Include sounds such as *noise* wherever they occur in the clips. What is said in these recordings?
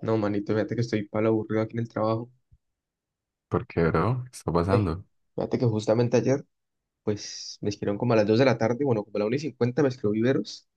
No, manito, fíjate que estoy palo aburrido aquí en el trabajo. ¿Porque, bro? ¿Qué está Eh, pasando? fíjate que justamente ayer, pues me escribieron como a las 2 de la tarde, bueno, como a la 1:50 me escribió Viveros,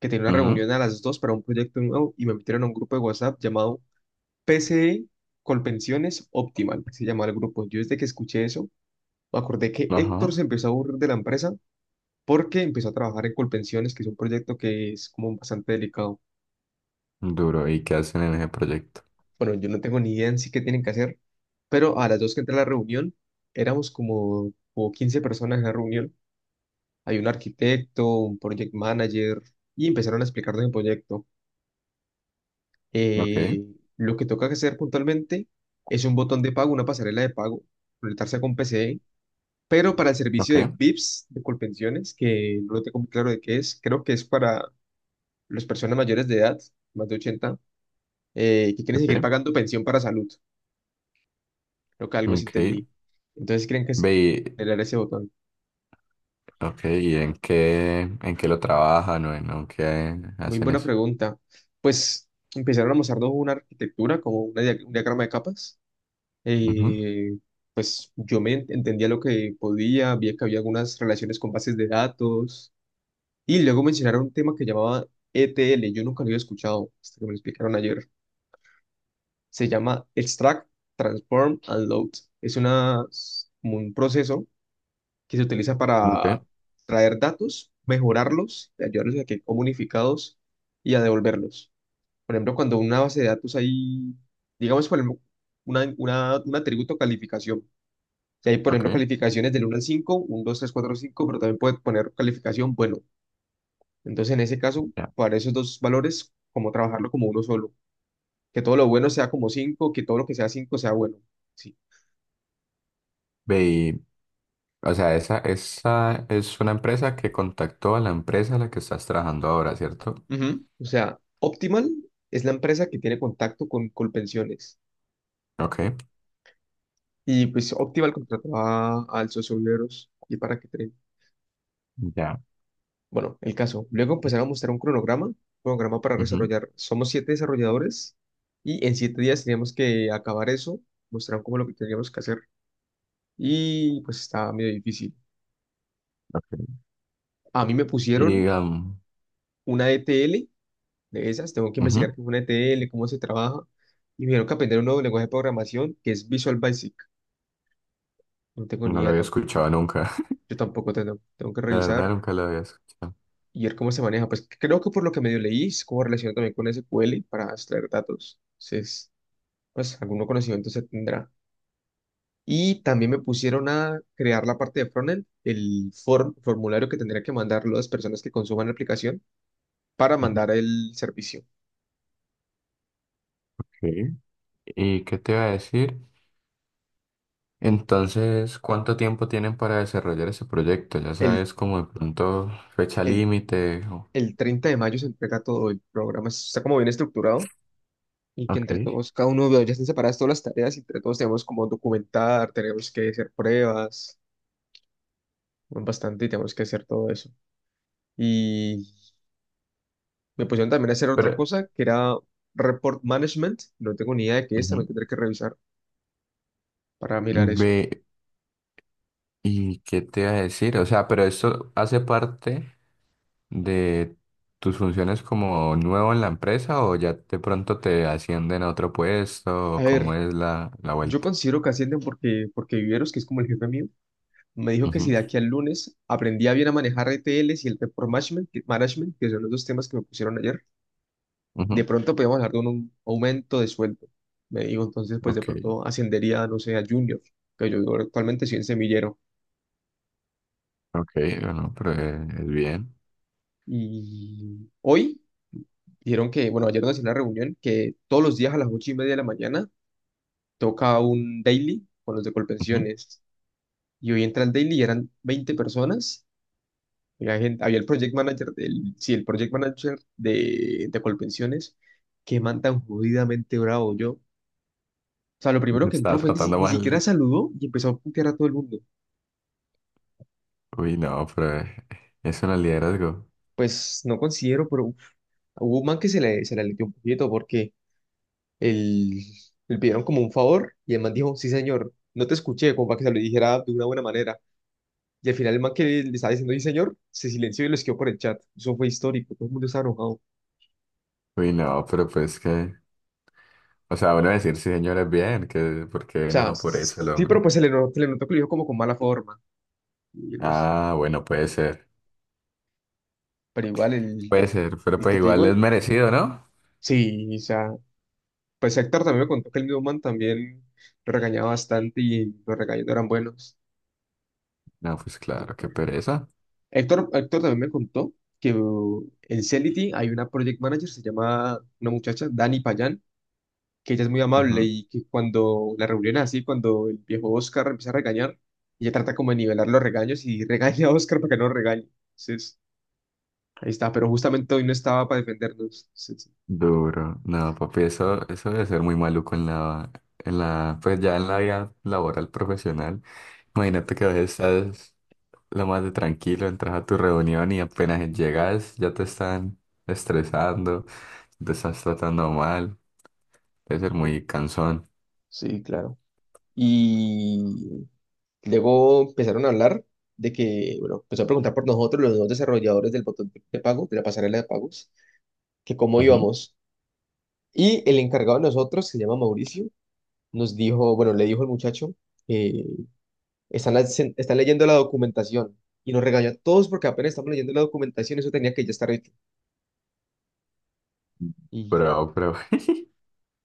que tenía una Ujú. reunión a las 2 para un proyecto nuevo y me metieron a un grupo de WhatsApp llamado PCE Colpensiones Optimal, que se llama el grupo. Yo desde que escuché eso, me acordé que Héctor Ajá. se empezó a aburrir de la empresa porque empezó a trabajar en Colpensiones, que es un proyecto que es como bastante delicado. Duro. ¿Y qué hacen en ese proyecto? Bueno, yo no tengo ni idea en sí qué tienen que hacer, pero a las 2 que entré a la reunión, éramos como 15 personas en la reunión. Hay un arquitecto, un project manager, y empezaron a explicarnos el proyecto. Ok, Eh, lo que toca hacer puntualmente es un botón de pago, una pasarela de pago, conectarse con PCE, pero para el servicio ok, de VIPs, de Colpensiones, que no lo tengo muy claro de qué es, creo que es para las personas mayores de edad, más de 80 que quieren seguir ok, pagando pensión para salud. Creo que algo sí ok. entendí. Entonces, ¿creen que Ve, es y... generar ese botón? ok, ¿y en qué, lo trabajan o en, o qué Muy hacen buena eso? pregunta. Pues empezaron a mostrarnos una arquitectura, como una un diagrama de capas. Ujú. Eh, pues yo entendía lo que podía, vi que había algunas relaciones con bases de datos. Y luego mencionaron un tema que llamaba ETL. Yo nunca lo había escuchado hasta que me lo explicaron ayer. Se llama Extract, Transform and Load. Es una, como un proceso que se utiliza Ok, para traer datos, mejorarlos, ayudarlos a que comunicados y a devolverlos. Por ejemplo, cuando una base de datos hay, digamos, por ejemplo, un atributo calificación. Si hay, por ok, ejemplo, calificaciones del uno al cinco, uno dos tres cuatro cinco, pero también puede poner calificación bueno. Entonces, en ese caso, ya. para esos dos valores, como trabajarlo como uno solo. Que todo lo bueno sea como 5, que todo lo que sea 5 sea bueno. Sí. Ve, y, o sea, esa es una empresa que contactó a la empresa a la que estás trabajando ahora, ¿cierto? Ujú. O sea, Optimal es la empresa que tiene contacto con Colpensiones. Ok, Y pues Optimal contrató al socio Viveros y para que ya. Bueno, el caso. Luego empezaron a mostrar un cronograma, cronograma para Ujú, desarrollar. Somos 7 desarrolladores y en 7 días teníamos que acabar eso. Mostraron como lo que teníamos que hacer y pues estaba medio difícil. ok. A mí me pusieron Y, una ETL de esas, tengo que investigar ujú, qué es una ETL, cómo se trabaja y me dijeron que aprender un nuevo lenguaje de programación que es Visual Basic. No tengo ni no lo idea, había escuchado nunca. *laughs* yo tampoco tengo, tengo que La verdad, revisar. nunca lo había escuchado. ¿Y él cómo se maneja? Pues creo que por lo que medio leí, es como relación también con SQL para extraer datos. Entonces, pues algún conocimiento se tendrá. Y también me pusieron a crear la parte de frontend, el formulario que tendría que mandar las personas que consuman la aplicación para Ujú. mandar el servicio. Ok. ¿Y qué te iba a decir? Entonces, ¿cuánto tiempo tienen para desarrollar ese proyecto? Ya El, sabes, como de pronto fecha el, límite. O... el 30 de mayo se entrega todo el programa, está como bien estructurado y que entre ok. todos, cada uno ya están separadas todas las tareas y entre todos tenemos como documentar, tenemos que hacer pruebas, bueno, bastante y tenemos que hacer todo eso. Y me pusieron también a hacer otra Pero, cosa que era report management. No tengo ni idea de qué es, también ujú. tendré que revisar para mirar eso. Ve, ¿y qué te iba a decir? O sea, pero esto hace parte de tus funciones como nuevo en la empresa o ya de pronto te ascienden a otro puesto A o ¿cómo ver, es la yo vuelta? considero que ascienden porque, porque Viveros, que es como el jefe mío, me dijo que si de Ujú, aquí al lunes aprendía bien a manejar RTLs y el report management, que son los dos temas que me pusieron ayer, de ujú. pronto podíamos hablar de un aumento de sueldo. Me dijo, entonces, pues de Ok, pronto ascendería, no sé, a junior, que yo actualmente soy en semillero. ok, bueno, pero es bien. Y hoy dijeron que, bueno, ayer nos hicieron una reunión que todos los días a las 8:30 de la mañana toca un daily con los de Ujú. Colpensiones. Y hoy entra al daily y eran 20 personas. Había había el project manager del, sí, el project manager de Colpensiones, que man tan jodidamente bravo yo. O sea, lo primero que entró Estaba fue ni, tratando ni siquiera mal. saludó y empezó a putear a todo el mundo. Uy, no, pero eso no es liderazgo. Pues no considero, pero uf, hubo un man que se le aleteó un poquito porque el, le pidieron como un favor y el man dijo, sí, señor, no te escuché, como para que se lo dijera de una buena manera. Y al final el man que le estaba diciendo, sí, señor, se silenció y lo escribió por el chat. Eso fue histórico, todo el mundo estaba enojado. O Uy, no, pero pues que... O sea, bueno, decir sí, señores, bien, que porque sea, no por eso el sí, pero hombre. pues se le notó que lo dijo como con mala forma. Y algo así. Ah, bueno, puede ser. Pero igual, Puede el, ser, pero el pues que te igual es digo, merecido, ¿no? sí, o sea, pues Héctor también me contó que el mismo man también lo regañaba bastante y los regaños no eran buenos. No, pues claro, qué pereza. Héctor, Héctor también me contó que en Celity hay una project manager, se llama una muchacha, Dani Payán, que ella es muy amable Ujú. y que cuando la reunión es así, cuando el viejo Oscar empieza a regañar, ella trata como de nivelar los regaños y *laughs* regaña a Oscar para que no lo regañe. Entonces, ahí está, pero justamente hoy no estaba para defendernos. Sí, sí. Duro. No, papi, eso debe ser muy maluco en en la, pues ya en la vida laboral profesional. Imagínate que a veces estás lo más de tranquilo, entras a tu reunión y apenas llegas ya te están estresando. Te estás tratando mal, debe ser Sí, muy cansón. sí, claro. Y luego empezaron a hablar de que, bueno, empezó a preguntar por nosotros, los dos desarrolladores del botón de pago, de la pasarela de pagos, que cómo Ujú. íbamos. Y el encargado de nosotros, que se llama Mauricio, nos dijo, bueno, le dijo al muchacho, eh, están leyendo la documentación y nos regañó a todos porque apenas estamos leyendo la documentación, eso tenía que ya estar hecho. Y, Pero,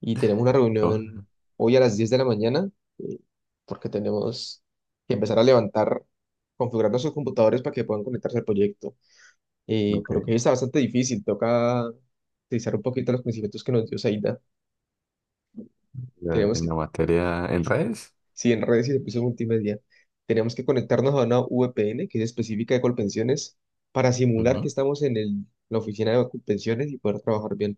y tenemos una *laughs* ¿cómo? reunión hoy a las 10 de la mañana eh, porque tenemos que empezar a levantar, configurar nuestros computadores para que puedan conectarse al proyecto. Por lo que Ok, está bastante difícil, toca utilizar un poquito los conocimientos que nos dio Saida. Tenemos en que la materia, en redes. Sí, en redes y servicios multimedia. Tenemos que conectarnos a una VPN que es específica de Colpensiones para simular que Ujú. estamos en la oficina de Colpensiones y poder trabajar bien.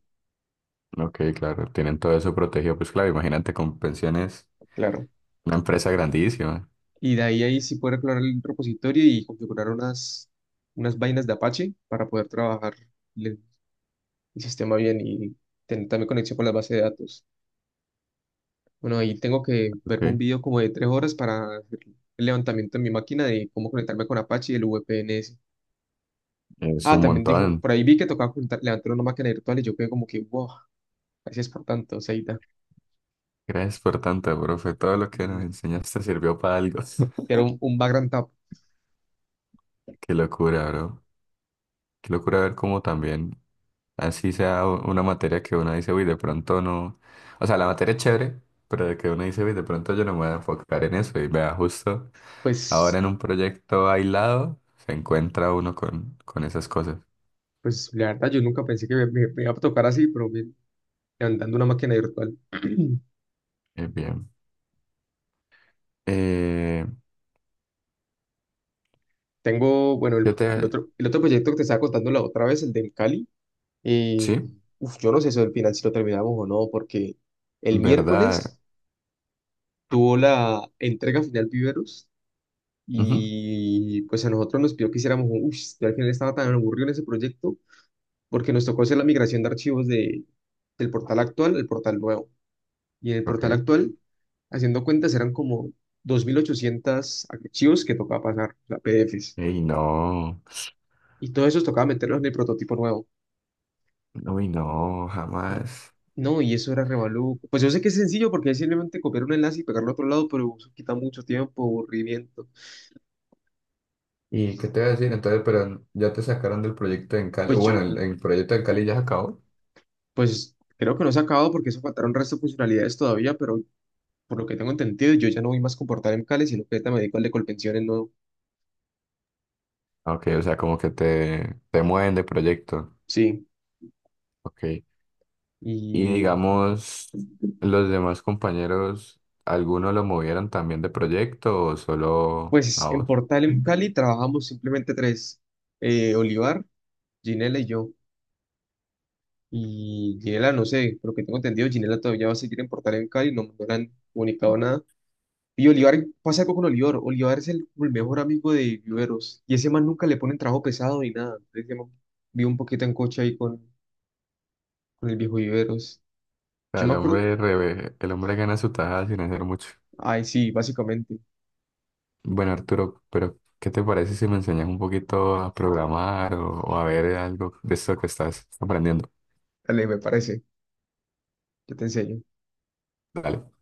Ok, claro, tienen todo eso protegido, pues claro, imagínate con pensiones, Claro. una empresa grandísima, Y de ahí, ahí sí poder explorar el repositorio y configurar unas vainas de Apache para poder trabajar el, el sistema bien y tener también conexión con la base de datos. Bueno, ahí tengo que verme un ok, video como de 3 horas para hacer el levantamiento en mi máquina de cómo conectarme con Apache y el VPN. es Ah, un también dijo, montón. por ahí vi que tocaba juntar, levantar una máquina virtual y yo quedé como que, wow, gracias por tanto, Seita. Gracias por tanto, profe, todo lo que Mm. nos enseñaste sirvió para algo. *laughs* Era un background tap. Qué locura, bro, qué locura ver cómo también así sea una materia que uno dice, uy, de pronto no. O sea, la materia es chévere, pero de que uno dice, uy, de pronto yo no me voy a enfocar en eso. Y vea, justo ahora Pues, en un proyecto aislado se encuentra uno con esas cosas. pues la verdad, yo nunca pensé que me iba a tocar así, pero bien, levantando una máquina virtual. *clears throat* Es bien. Eh, Tengo, bueno, yo el, el te... otro, el otro proyecto que te estaba contando la otra vez, el del Cali. eh, Sí, uf, yo no sé eso del final si lo terminamos o no, porque el ¿verdad? miércoles tuvo la entrega final Viveros Ujú. y pues a nosotros nos pidió que hiciéramos un, uff, yo al final estaba tan aburrido en ese proyecto porque nos tocó hacer la migración de archivos del portal actual al portal nuevo. Y en el Ok. portal actual, haciendo cuentas, eran como 2.800 archivos que tocaba pasar, o sea, PDFs. Ey, no. Y todo eso tocaba meterlos en el prototipo nuevo. Uy, no, jamás. No, y eso era revalú. Pues yo sé que es sencillo porque es simplemente copiar un enlace y pegarlo a otro lado, pero eso quita mucho tiempo, aburrimiento. ¿Y qué Y te voy a decir? Entonces, pero ya te sacaron del proyecto en Cali. pues Bueno, el proyecto en Cali ya se acabó. pues creo que no se ha acabado porque eso faltaron resto de funcionalidades todavía, pero por lo que tengo entendido, yo ya no voy más con portal en Cali, sino que ahorita me dedico al de Colpensiones, no. Ok, o sea, como que te mueven de proyecto. Sí. Ok. Y Y digamos, los demás compañeros, ¿alguno lo movieron también de proyecto o solo a pues vos? en O Portal en Cali trabajamos simplemente tres, Olivar, Ginela y yo. Y Ginela, no sé, por lo que tengo entendido, Ginela todavía va a seguir en Portal en Cali, no, no le han comunicado nada. Y Olivar, pasa algo con Olivar, Olivar es como el mejor amigo de Viveros, y ese man nunca le ponen trabajo pesado ni nada. Entonces yo vivo un poquito en coche ahí con el viejo Viveros. sea, Yo me el acuerdo, hombre, el hombre gana su tajada sin hacer mucho. ay sí, básicamente, Bueno, Arturo, pero ¿qué te parece si me enseñas un poquito a programar o a ver algo de esto que estás aprendiendo? dale, me parece, yo te enseño. Dale.